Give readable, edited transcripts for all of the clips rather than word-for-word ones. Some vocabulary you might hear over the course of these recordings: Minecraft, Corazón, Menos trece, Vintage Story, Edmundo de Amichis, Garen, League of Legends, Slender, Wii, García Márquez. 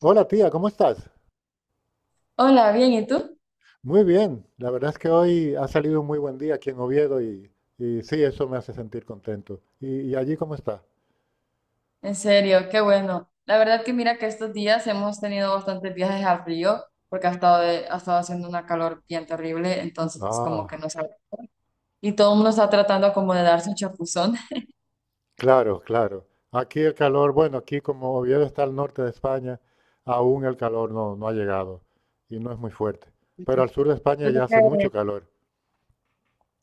Hola tía, ¿cómo estás? Hola, bien, ¿y tú? Muy bien, la verdad es que hoy ha salido un muy buen día aquí en Oviedo y sí, eso me hace sentir contento. ¿Y allí cómo está? En serio, qué bueno. La verdad que mira que estos días hemos tenido bastantes viajes al frío porque ha estado, ha estado haciendo una calor bien terrible, entonces es como que Ah, no sabe. Y todo el mundo está tratando como de darse un chapuzón. claro, claro. Aquí el calor, bueno, aquí como Oviedo está al norte de España, aún el calor no ha llegado y no es muy fuerte. Pero al sur de España Pero ya hace mucho qué, calor.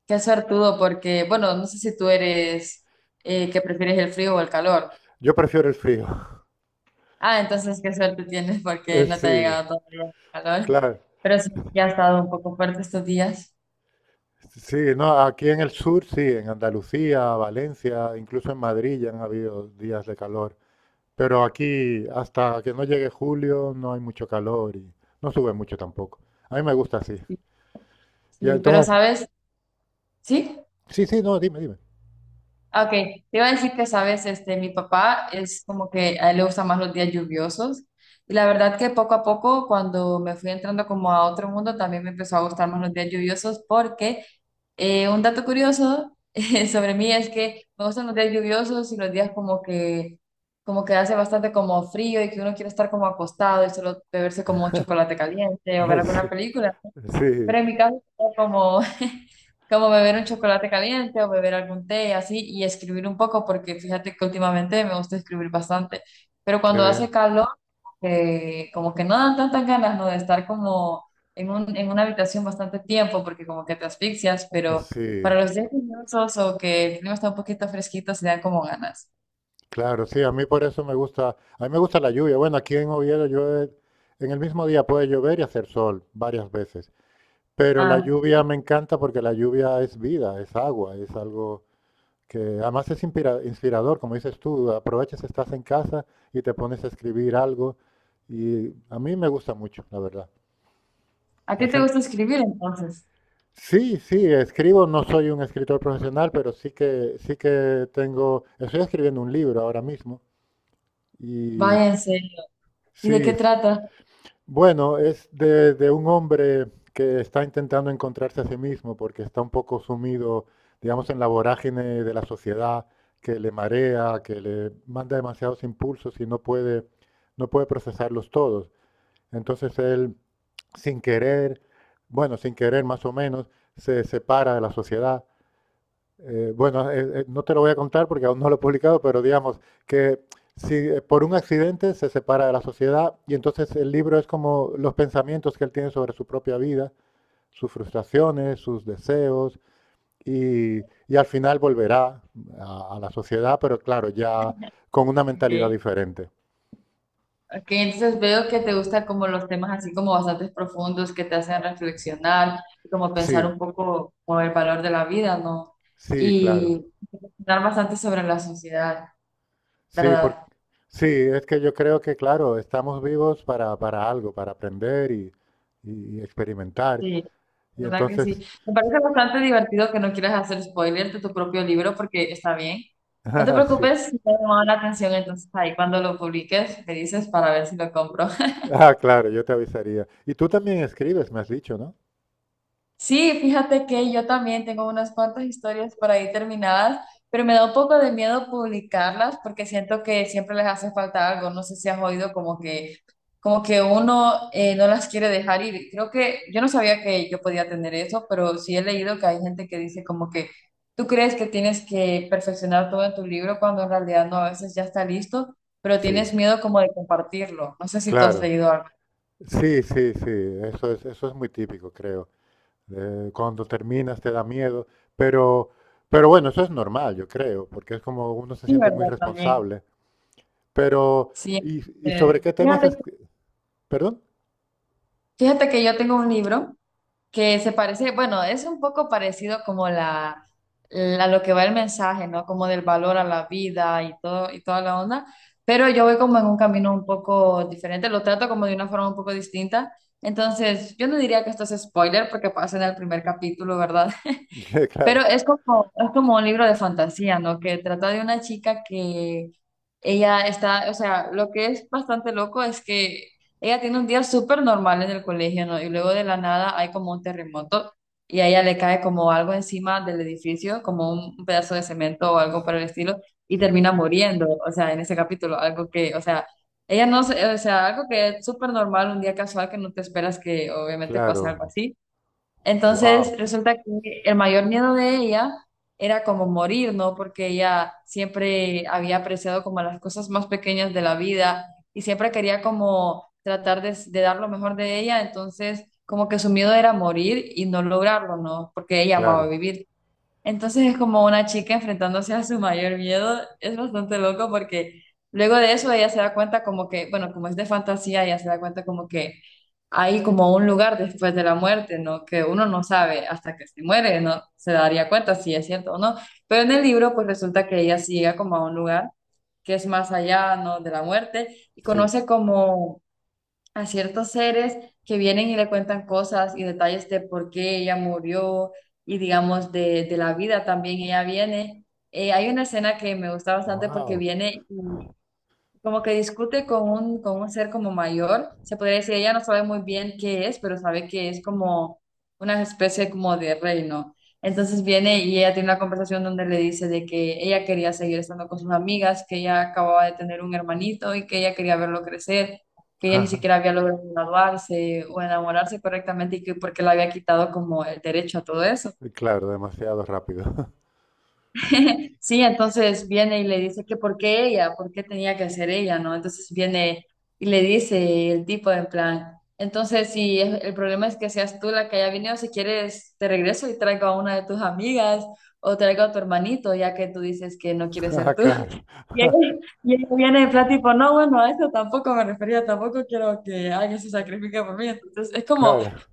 qué suertudo porque, bueno, no sé si tú eres que prefieres el frío o el calor. Yo prefiero el frío. Ah, entonces qué suerte tienes porque no te ha Sí, llegado todavía el calor. claro. Pero sí, ya ha estado un poco fuerte estos días. Sí, no, aquí en el sur sí, en Andalucía, Valencia, incluso en Madrid ya han habido días de calor. Pero aquí, hasta que no llegue julio, no hay mucho calor y no sube mucho tampoco. A mí me gusta así. Sí, Y sí, pero entonces, ¿sabes? Sí. sí, sí, no, dime, dime. Ok, te iba a decir que, sabes, este, mi papá es como que a él le gustan más los días lluviosos. Y la verdad que poco a poco, cuando me fui entrando como a otro mundo, también me empezó a gustar más los días lluviosos porque un dato curioso sobre mí es que me gustan los días lluviosos y los días como que hace bastante como frío y que uno quiere estar como acostado y solo beberse como un chocolate caliente o ver Sí, alguna película. sí, Pero en mi caso, es como, como beber un chocolate caliente o beber algún té y así, y escribir un poco, porque fíjate que últimamente me gusta escribir bastante. Pero qué cuando hace bien. calor, como que no dan tantas ganas, ¿no? De estar como en una habitación bastante tiempo, porque como que te asfixias, pero Sí, para los días lluviosos o que el clima está un poquito fresquito, se dan como ganas. claro, sí, a mí por eso me gusta, a mí me gusta la lluvia. Bueno, aquí en Oviedo llueve, en el mismo día puede llover y hacer sol varias veces. Pero la Ah, lluvia me encanta porque la lluvia es vida, es agua, es algo que además es inspirador, como dices tú, aprovechas, estás en casa y te pones a escribir algo y a mí me gusta mucho, la verdad. ¿a Hay ti te gente, gusta escribir entonces? sí, sí, escribo, no soy un escritor profesional, pero sí que tengo, estoy escribiendo un libro ahora mismo y Váyanse. ¿Y de qué sí, trata? bueno, es de un hombre que está intentando encontrarse a sí mismo porque está un poco sumido, digamos, en la vorágine de la sociedad que le marea, que le manda demasiados impulsos y no puede procesarlos todos. Entonces él, sin querer, bueno, sin querer más o menos, se separa de la sociedad. Bueno, no te lo voy a contar porque aún no lo he publicado, pero digamos que si por un accidente se separa de la sociedad, y entonces el libro es como los pensamientos que él tiene sobre su propia vida, sus frustraciones, sus deseos y, y al final volverá a la sociedad, pero claro, ya con una mentalidad Ok. diferente. Ok, entonces veo que te gustan como los temas así como bastante profundos que te hacen reflexionar y como pensar Sí, un poco como el valor de la vida, ¿no? sí, claro. Y reflexionar bastante sobre la sociedad, Sí, ¿verdad? sí, es que yo creo que, claro, estamos vivos para algo, para aprender y experimentar. Sí, Y ¿verdad que sí? entonces Me parece bastante divertido que no quieras hacer spoiler de tu propio libro porque está bien. No te ah, sí. preocupes, si te ha llamado la atención, entonces ahí cuando lo publiques me dices para ver si lo compro. Ah, claro, yo te avisaría. Y tú también escribes, me has dicho, ¿no? Sí, fíjate que yo también tengo unas cuantas historias por ahí terminadas, pero me da un poco de miedo publicarlas porque siento que siempre les hace falta algo. No sé si has oído como que uno no las quiere dejar ir. Creo que yo no sabía que yo podía tener eso, pero sí he leído que hay gente que dice como que tú crees que tienes que perfeccionar todo en tu libro cuando en realidad no, a veces ya está listo, pero Sí, tienes miedo como de compartirlo. No sé si tú has claro. leído algo. Sí, sí, sí. Eso es muy típico, creo. Cuando terminas te da miedo, pero, pero bueno, eso es normal, yo creo, porque es como uno se Sí, siente muy ¿verdad? También. responsable. Pero, Sí. Y sobre Entonces, qué temas es? Fíjate ¿Perdón? Fíjate que yo tengo un libro que se parece, bueno, es un poco parecido como la, lo que va el mensaje, ¿no? Como del valor a la vida y todo y toda la onda, pero yo voy como en un camino un poco diferente, lo trato como de una forma un poco distinta. Entonces, yo no diría que esto es spoiler porque pasa en el primer capítulo, ¿verdad? Ya, claro, Pero es como un libro de fantasía, ¿no? Que trata de una chica que ella está, o sea, lo que es bastante loco es que ella tiene un día súper normal en el colegio, ¿no? Y luego de la nada hay como un terremoto y a ella le cae como algo encima del edificio, como un pedazo de cemento o algo por el estilo, y sí, termina muriendo, o sea, en ese capítulo, algo que, o sea, ella no, o sea, algo que es súper normal, un día casual que no te esperas que obviamente pase claro. algo así. Wow, Entonces, resulta que el mayor miedo de ella era como morir, ¿no? Porque ella siempre había apreciado como las cosas más pequeñas de la vida y siempre quería como tratar de dar lo mejor de ella. Entonces, como que su miedo era morir y no lograrlo, ¿no? Porque ella amaba claro, vivir. Entonces es como una chica enfrentándose a su mayor miedo. Es bastante loco porque luego de eso ella se da cuenta como que, bueno, como es de fantasía, ella se da cuenta como que hay como un lugar después de la muerte, ¿no? Que uno no sabe hasta que se muere, ¿no? Se daría cuenta si es cierto o no. Pero en el libro pues resulta que ella sí llega como a un lugar que es más allá, ¿no? De la muerte y sí, conoce como a ciertos seres que vienen y le cuentan cosas y detalles de por qué ella murió y digamos de la vida también ella viene. Hay una escena que me gusta bastante porque wow. viene como que discute con un ser como mayor, se podría decir, ella no sabe muy bien qué es, pero sabe que es como una especie como de reino. Entonces viene y ella tiene una conversación donde le dice de que ella quería seguir estando con sus amigas, que ella acababa de tener un hermanito y que ella quería verlo crecer, que ella ni siquiera había logrado graduarse o enamorarse correctamente y que porque le había quitado como el derecho a todo eso. Claro, demasiado rápido. Sí, entonces viene y le dice que por qué ella, por qué tenía que ser ella, ¿no? Entonces viene y le dice el tipo en plan, entonces si el problema es que seas tú la que haya venido, si quieres te regreso y traigo a una de tus amigas o traigo a tu hermanito, ya que tú dices que no quieres Ah, ser tú. claro. Y ella, y ella viene en plan tipo, no, bueno, a eso tampoco me refería, tampoco quiero que alguien se sacrifique por mí. Entonces es como Claro.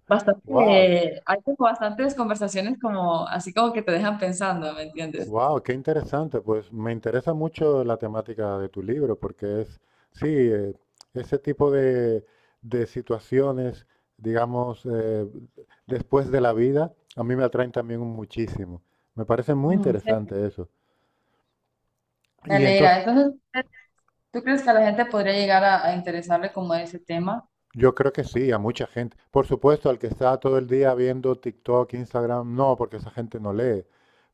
Wow, bastante, hay como bastantes conversaciones como así como que te dejan pensando, ¿me entiendes? wow, qué interesante. Pues me interesa mucho la temática de tu libro, porque es, sí, ese tipo de situaciones, digamos, después de la vida, a mí me atraen también muchísimo. Me parece muy interesante eso. Me Y entonces, alegra. Entonces, ¿tú crees que a la gente podría llegar a interesarle como ese tema? yo creo que sí, a mucha gente. Por supuesto, al que está todo el día viendo TikTok, Instagram, no, porque esa gente no lee.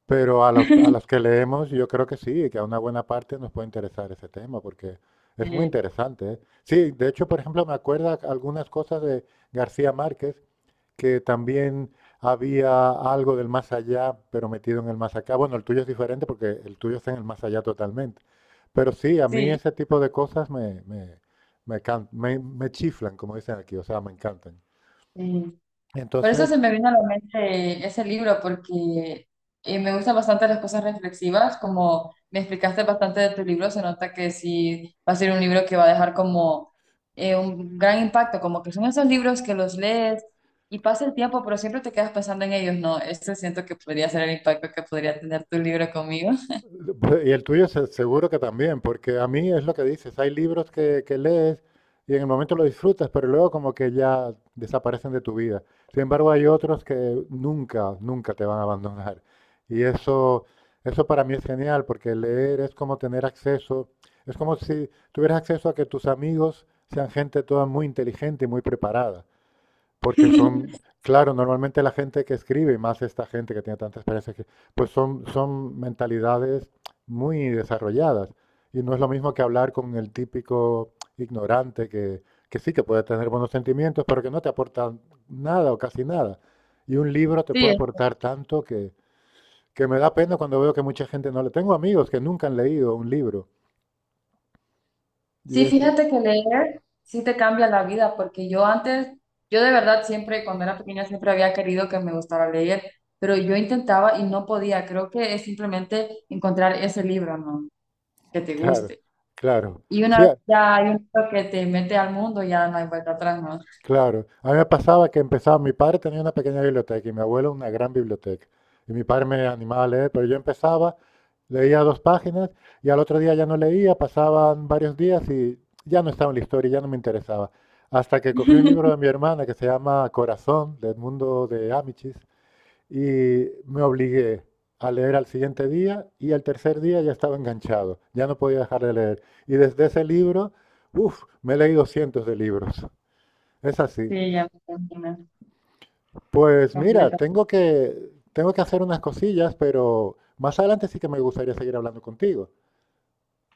Pero a las que leemos, yo creo que sí, que a una buena parte nos puede interesar ese tema, porque es muy Eh, interesante, ¿eh? Sí, de hecho, por ejemplo, me acuerda algunas cosas de García Márquez, que también había algo del más allá, pero metido en el más acá. Bueno, el tuyo es diferente porque el tuyo está en el más allá totalmente. Pero sí, a mí sí. ese tipo de cosas me chiflan, como dicen aquí, o sea, me encantan. eh, por eso Entonces, se me vino a la mente ese libro, porque me gustan bastante las cosas reflexivas, como me explicaste bastante de tu libro, se nota que sí va a ser un libro que va a dejar como un gran impacto, como que son esos libros que los lees y pasa el tiempo, pero siempre te quedas pensando en ellos, no, esto siento que podría ser el impacto que podría tener tu libro conmigo. y el seguro que también, porque a mí es lo que dices, hay libros que lees y en el momento lo disfrutas, pero luego como que ya desaparecen de tu vida. Sin embargo, hay otros que nunca, nunca te van a abandonar. Y eso para mí es genial, porque leer es como tener acceso, es como si tuvieras acceso a que tus amigos sean gente toda muy inteligente y muy preparada porque son, claro, normalmente la gente que escribe, y más esta gente que tiene tanta experiencia, pues son, son mentalidades muy desarrolladas. Y no es lo mismo que hablar con el típico ignorante que sí que puede tener buenos sentimientos, pero que no te aporta nada o casi nada. Y un libro te Sí, puede aportar tanto que me da pena cuando veo que mucha gente no le... Tengo amigos que nunca han leído un libro. Y Sí, es, fíjate que leer sí te cambia la vida, porque yo antes, yo de verdad siempre, cuando era pequeña, siempre había querido que me gustara leer, pero yo intentaba y no podía. Creo que es simplemente encontrar ese libro, ¿no? Que te claro, guste. claro. Y una Sí, vez ya hay un libro que te mete al mundo, ya no hay vuelta atrás, ¿no? claro, a mí me pasaba que empezaba, mi padre tenía una pequeña biblioteca y mi abuelo una gran biblioteca. Y mi padre me animaba a leer, pero yo empezaba, leía dos páginas y al otro día ya no leía, pasaban varios días y ya no estaba en la historia, ya no me interesaba. Hasta que cogí un libro de mi hermana que se llama Corazón, de Edmundo de Amichis, y me obligué a leer al siguiente día y al tercer día ya estaba enganchado, ya no podía dejar de leer. Y desde ese libro, uff, me he leído cientos de libros. Es así. Sí, ya me imagino, Pues mira, completa. Tengo que hacer unas cosillas, pero más adelante sí que me gustaría seguir hablando contigo.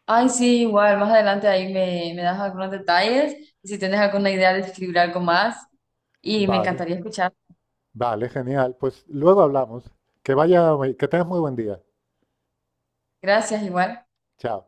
Ay, sí, igual, más adelante ahí me, me das algunos detalles, y si tienes alguna idea de escribir algo más, y me Vale, encantaría escuchar. vale, genial. Pues luego hablamos. Que vaya, que tengas muy buen día. Gracias, igual. Chao.